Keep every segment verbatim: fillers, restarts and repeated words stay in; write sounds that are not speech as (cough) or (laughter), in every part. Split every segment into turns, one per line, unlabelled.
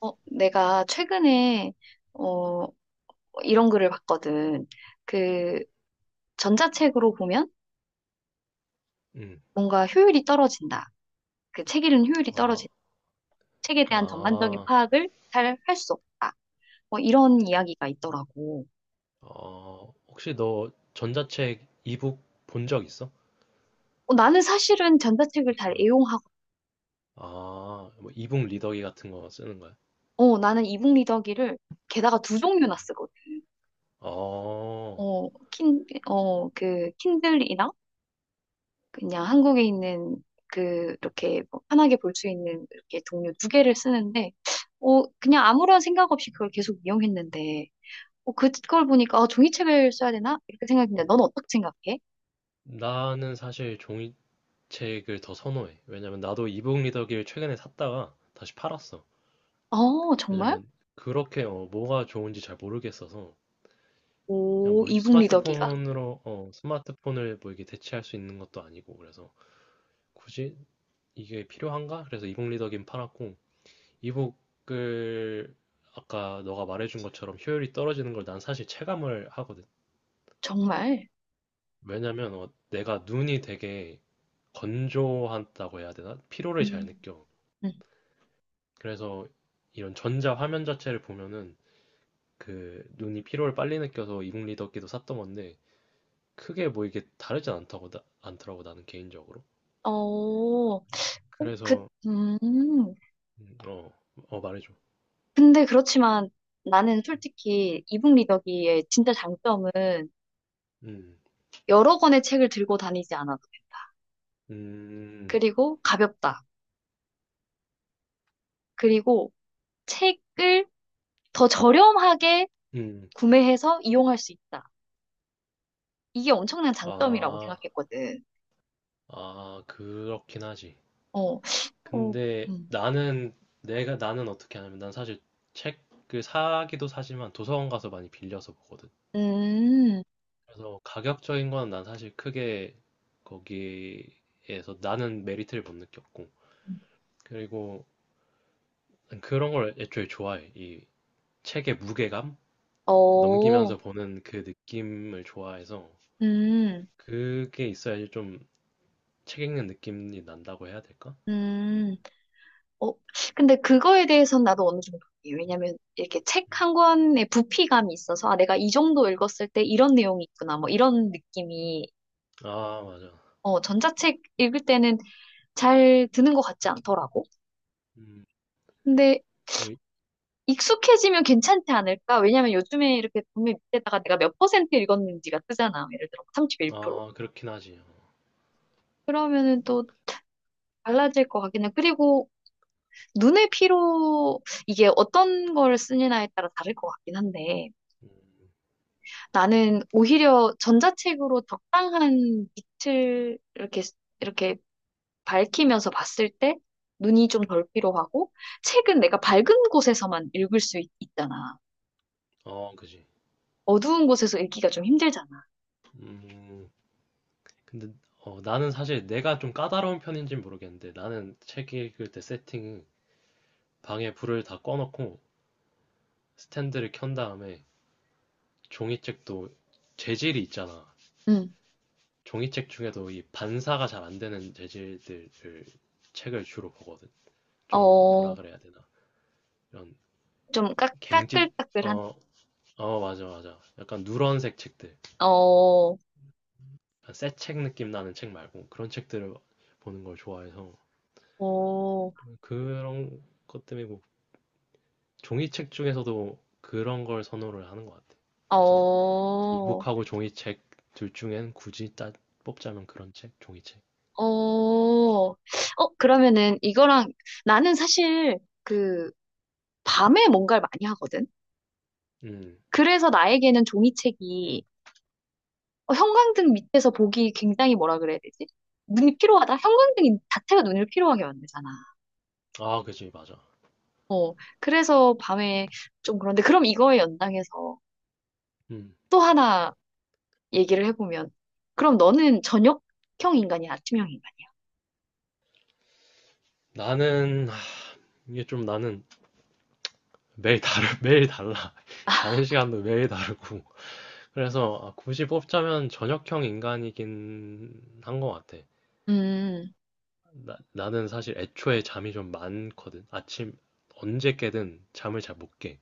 어, 내가 최근에, 어, 이런 글을 봤거든. 그, 전자책으로 보면
음.
뭔가 효율이 떨어진다. 그 책 읽는 효율이
아,
떨어진다. 책에 대한 전반적인
아,
파악을 잘 할 수 없다. 뭐 이런 이야기가 있더라고.
어, 혹시 너 전자책 이북 본 적 있어?
어, 나는 사실은 전자책을 잘
어.
애용하고,
아, 뭐 이북 리더기 같은 거 쓰는 거야?
어, 나는 이북 리더기를 게다가 두 종류나 쓰거든.
어,
어, 킨, 어, 그, 킨들이나 그냥 한국에 있는 그 이렇게 뭐 편하게 볼 수 있는 이렇게 동료 두 개를 쓰는데 어 그냥 아무런 생각 없이 그걸 계속 이용했는데 어 그걸 보니까 어 종이책을 써야 되나 이렇게 생각했는데 넌 어떻게 생각해?
나는 사실 종이책을 더 선호해. 왜냐면 나도 이북 리더기를 최근에 샀다가 다시 팔았어.
어, 정말?
왜냐면 그렇게 어, 뭐가 좋은지 잘 모르겠어서. 그냥
오,
뭐
이북 리더기가
스마트폰으로, 어, 스마트폰을 뭐 이게 대체할 수 있는 것도 아니고, 그래서 굳이 이게 필요한가? 그래서 이북 리더기는 팔았고, 이북을, 아까 너가 말해준 것처럼 효율이 떨어지는 걸 난 사실 체감을 하거든.
정말?
왜냐면 어, 내가 눈이 되게 건조하다고 해야 되나? 피로를 잘
음.
느껴.
음.
그래서 이런 전자 화면 자체를 보면은 그 눈이 피로를 빨리 느껴서 이북 리더기도 샀던 건데, 크게 뭐 이게 다르지 않다고, 나- 않더라고, 나는 개인적으로.
어. 어. 그.
그래서
음.
음, 어, 어 말해줘.
근데 그렇지만 나는 솔직히 이북 리더기의 진짜 장점은
음,
여러 권의 책을 들고 다니지 않아도 된다.
음,
그리고 가볍다. 그리고 책을 더 저렴하게
음,
구매해서 이용할 수 있다. 이게 엄청난 장점이라고
아,
생각했거든.
아 그렇긴 하지.
어. 어.
근데
음.
나는, 내가, 나는 어떻게 하냐면, 난 사실 책을 사기도 사지만 도서관 가서 많이 빌려서 보거든.
음.
그래서 가격적인 거는 난 사실 크게, 거기에서 나는 메리트를 못 느꼈고, 그리고 난 그런 걸 애초에 좋아해. 이 책의 무게감,
어.
넘기면서 보는 그 느낌을 좋아해서,
음.
그게 있어야지 좀 책 읽는 느낌이 난다고 해야 될까?
음. 어. 근데 그거에 대해서는 나도 어느 정도 이해해요. 왜냐면 이렇게 책
음.
한 권의 부피감이 있어서 아, 내가 이 정도 읽었을 때 이런 내용이 있구나, 뭐 이런 느낌이
아 맞아.
어, 전자책 읽을 때는 잘 드는 것 같지 않더라고.
음,
근데
이거 이-
익숙해지면 괜찮지 않을까? 왜냐면 요즘에 이렇게 보면 밑에다가 내가 몇 퍼센트 읽었는지가 뜨잖아. 예를 들어 삼십일 퍼센트.
아 그렇긴 하지.
그러면은 또 달라질 것 같긴 해. 그리고 눈의 피로 이게 어떤 걸 쓰느냐에 따라 다를 것 같긴 한데
음,
나는 오히려 전자책으로 적당한 빛을 이렇게 이렇게 밝히면서 봤을 때 눈이 좀 덜 피로하고 책은 내가 밝은 곳에서만 읽을 수 있, 잖아
어 그지.
어두운 곳에서 읽기가 좀 힘들잖아.
음, 근데 어, 나는 사실 내가 좀 까다로운 편인지는 모르겠는데, 나는 책 읽을 때 세팅이 방에 불을 다 꺼놓고 스탠드를 켠 다음에, 종이책도 재질이 있잖아.
음.
종이책 중에도 이 반사가 잘 안 되는 재질들을, 책을 주로 보거든. 좀 뭐라
어,
그래야 되나? 이런
좀 까,
갱질,
까끌까끌한?
어, 어, 맞아, 맞아. 약간 누런색 책들.
어.
약간 새책 느낌 나는 책 말고 그런 책들을 보는 걸 좋아해서,
어.
그런 것 때문에 뭐 종이책 중에서도 그런 걸 선호를 하는 것 같아. 그래서
어.
이북하고 종이책, 둘 중엔 굳이 따, 뽑자면 그런 책, 종이책.
어. 어, 그러면은 이거랑 나는 사실 그 밤에 뭔가를 많이 하거든?
음,
그래서 나에게는 종이책이 어, 형광등 밑에서 보기 굉장히 뭐라 그래야 되지? 눈이 피로하다? 형광등 자체가 눈을 피로하게 만들잖아.
아, 그지, 맞아.
어. 그래서 밤에 좀 그런데 그럼 이거에 연장해서
음,
또 하나 얘기를 해보면 그럼 너는 저녁형 인간이야, 아침형 인간이야?
나는 하, 이게 좀 나는 매일 다르, (laughs) 매일 달라. (laughs) 자는 시간도 매일 다르고. 그래서 아, 굳이 뽑자면 저녁형 인간이긴 한 것 같아.
음.
나, 나는 사실 애초에 잠이 좀 많거든. 아침 언제 깨든 잠을 잘 못 깨.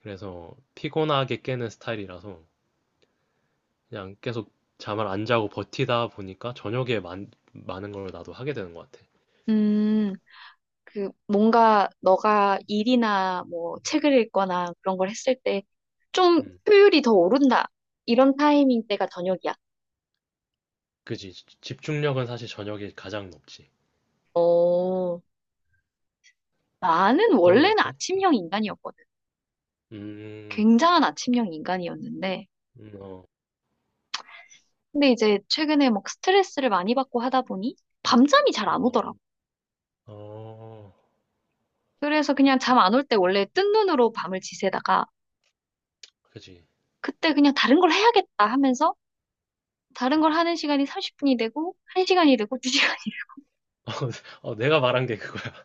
그래서 피곤하게 깨는 스타일이라서, 그냥 계속 잠을 안 자고 버티다 보니까 저녁에 많, 많은 걸 나도 하게 되는 것 같아.
음, 그, 뭔가, 너가 일이나, 뭐, 책을 읽거나, 그런 걸 했을 때, 좀,
음,
효율이 더 오른다. 이런 타이밍 때가 저녁이야.
그지. 지- 집중력은 사실 저녁이 가장 높지.
어, 나는
너는
원래는
어때?
아침형 인간이었거든.
음,
굉장한 아침형 인간이었는데,
음, 어,
근데 이제, 최근에 막 스트레스를 많이 받고 하다 보니, 밤잠이 잘 안
어,
오더라고.
어,
그래서 그냥 잠 안 올 때 원래 뜬 눈으로 밤을 지새다가,
그지.
그때 그냥 다른 걸 해야겠다 하면서, 다른 걸 하는 시간이 삼십 분이 되고, 한 시간이 되고, 두 시간이
(laughs) 어, 내가 말한 게 그거야. (laughs)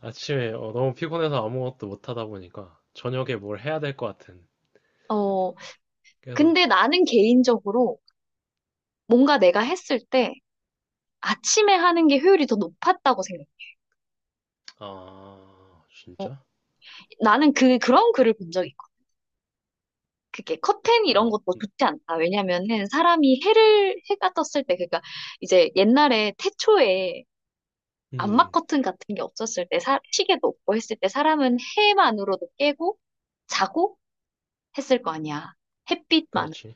아침에 어, 너무 피곤해서 아무것도 못 하다 보니까, 저녁에 뭘 해야 될 것 같은.
어,
계속,
근데 나는 개인적으로 뭔가 내가 했을 때 아침에 하는 게 효율이 더 높았다고 생각해.
아,
어,
진짜?
나는 그, 그런 글을 본 적이 있고. 그게 커튼 이런
어,
것도
음,
좋지 않다. 왜냐면은 사람이 해를, 해가 떴을 때, 그러니까 이제 옛날에 태초에 암막
음,
커튼 같은 게 없었을 때, 사, 시계도 없고 했을 때 사람은 해만으로도 깨고 자고 했을 거 아니야. 햇빛만.
그렇지.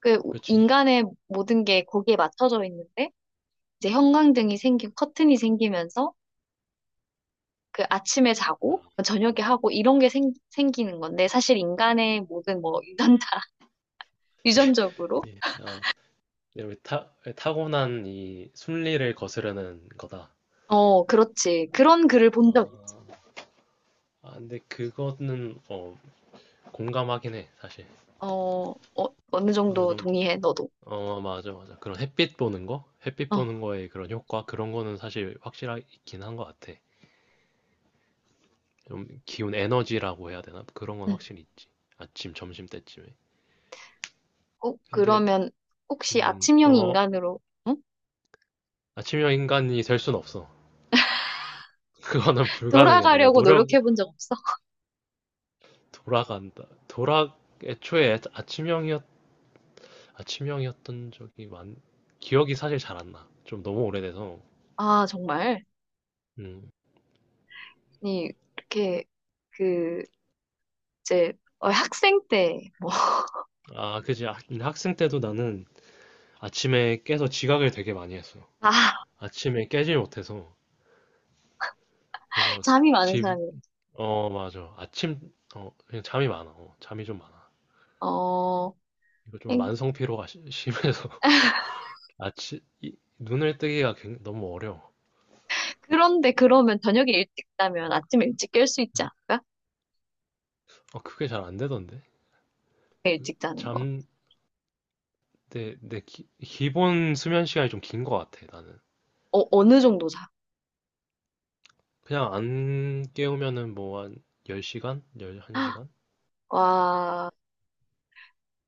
그
그치.
인간의 모든 게 거기에 맞춰져 있는데, 이제 형광등이 생기고 커튼이 생기면서 그 아침에
아,
자고 저녁에
아,
하고 이런 게 생, 생기는 건데 사실 인간의 모든 뭐 유전자 (laughs) 유전적으로
예, 아, 여기 타, 타고난 이 순리를 거스르는 거다.
어, 그렇지. 그런 글을 본 적 있지.
아, 아, 근데 그거는 어, 공감하긴 해, 사실.
어. 어 어느
어느
정도
정도.
동의해 너도.
어, 맞아, 맞아. 그런 햇빛 보는 거? 햇빛
어.
보는 거에 그런 효과? 그런 거는 사실 확실하긴 한 것 같아. 좀 기운 에너지라고 해야 되나? 그런 건
응.
확실히 있지. 아침, 점심 때쯤에.
어,
근데,
그러면 혹시
음,
아침형
어,
인간으로 응?
아침형 인간이 될 순 없어. (laughs) 그거는 불가능해. 내가
돌아가려고
노력,
노력해 본 적 없어?
돌아간다. 돌아, 애초에 아침형이었 아, 치명이었던 적이 많, 기억이 사실 잘 안 나. 좀 너무 오래돼서.
아, 정말.
음.
아니 이렇게 그 이제 어, 학생 때뭐
아, 그지. 학- 학생 때도 나는 아침에 깨서 지각을 되게 많이 했어.
아, (laughs)
아침에 깨질 못해서. 그래서
잠이 많은
집,
사람이
어, 맞아. 아침, 어, 그냥 잠이 많아. 어, 잠이 좀 많아.
어.
이거 좀 만성 피로가 시- 심해서. (laughs) 아침, 이- 눈을 뜨기가 굉- 너무 어려워.
그런데 그러면 저녁에 일찍 자면 아침에 일찍 깰 수 있지 않을까?
어, 그게 잘 안 되던데. 그
일찍 자는 거.
잠, 내, 내 기, 본 수면 시간이 좀 긴 것 같아, 나는.
어, 어느 정도 자?
그냥 안 깨우면은 뭐 한 열 시간 열 한 시간.
(gasps) 와,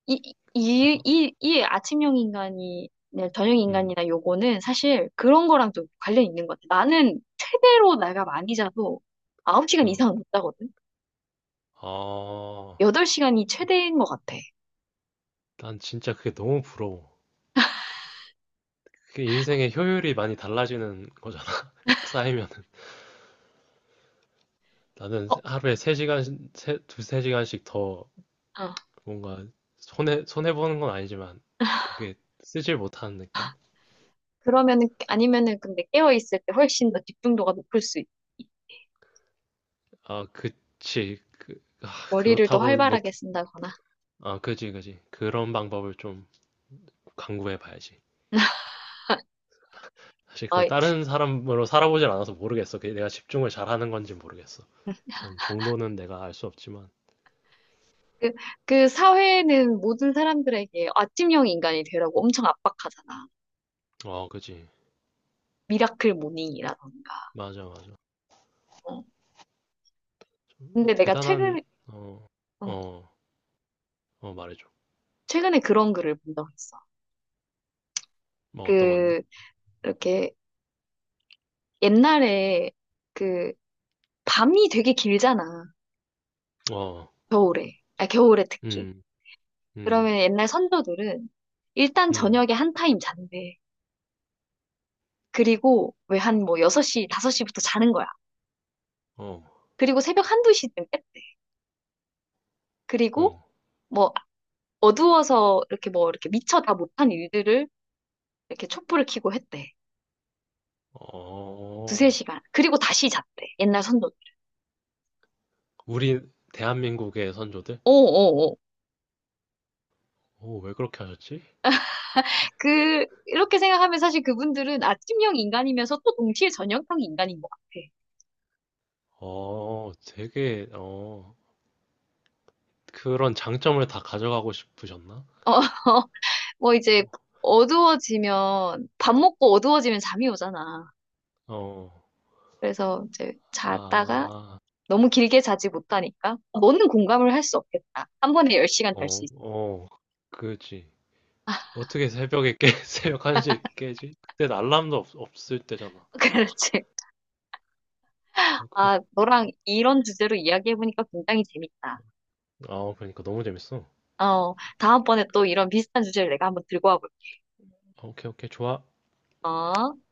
이, 이,
그래서
이, 이 아침형 인간이, 네, 저녁
음.
인간이나 요거는 사실 그런 거랑 좀 관련이 있는 것 같아. 나는 최대로 내가 많이 자도 아홉 시간
어.
이상은 못 자거든?
아.
여덟 시간이 최대인 것 같아.
난 진짜 그게 너무 부러워. 그게 인생의 효율이 많이 달라지는 거잖아. (laughs) 쌓이면은. 나는
어.
하루에 세 시간, 두세 시간씩 더
아...
뭔가, 손해, 손해 보는 건 아니지만, 그게 쓰질 못하는 느낌?
그러면은, 아니면은 근데 깨어있을 때 훨씬 더 집중도가 높을 수 있,
아, 그치. 그, 아,
머리를 더
그렇다고 못,
활발하게 쓴다거나.
아, 그지, 그지. 그런 방법을 좀 강구해 봐야지. 사실
아,
그 다른 사람으로 살아보질 않아서 모르겠어. 그게 내가 집중을 잘하는 건지 모르겠어. 그런 정도는 내가 알 수 없지만,
그, 그 사회는 모든 사람들에게 아침형 인간이 되라고 엄청 압박하잖아.
어, 그지.
미라클 모닝이라던가.
맞아, 맞아.
어.
좀
근데 내가
대단한,
최근에,
어,
어,
어, 어, 말해줘.
최근에 그런 글을 본 적 있어.
뭐 어떤 건데?
그, 이렇게 옛날에 그 밤이 되게 길잖아.
어,
겨울에. 아, 겨울에 특히.
음, 음,
그러면 옛날 선조들은 일단
음,
저녁에 한 타임 잔대. 그리고 왜 한 뭐 여섯 시, 다섯 시부터 자는 거야.
어,
그리고 새벽 한두 시쯤 깼대. 그리고
어,
뭐 어두워서 이렇게 뭐 이렇게 미처 다 못한 일들을 이렇게 촛불을 켜고 했대. 두세
어.
시간. 그리고 다시 잤대. 옛날 선조.
우리 대한민국의 선조들?
오오오
오, 왜 그렇게 하셨지?
그, 이렇게 생각하면 사실 그분들은 아침형 인간이면서 또 동시에 저녁형 인간인 것 같아.
어, 되게, 어, 그런 장점을 다 가져가고 싶으셨나?
어, (laughs) 뭐 이제 어두워지면, 밥 먹고 어두워지면 잠이 오잖아.
어,
그래서 이제 잤다가
아.
너무 길게 자지 못하니까 너는 공감을 할 수 없겠다. 한 번에 열 시간 잘 수
어,
있어.
어, 그지. 어떻게 새벽에 깨, (laughs) 새벽 한 시에 깨지? 그땐 알람도 없, 없을 때잖아.
(laughs) 그렇지.
어, 그게,
아, 너랑 이런 주제로 이야기해보니까 굉장히 재밌다.
아, 그러니까 너무 재밌어.
어, 다음번에 또 이런 비슷한 주제를 내가 한번 들고 와볼게.
아, 오케이, 오케이, 좋아.
어?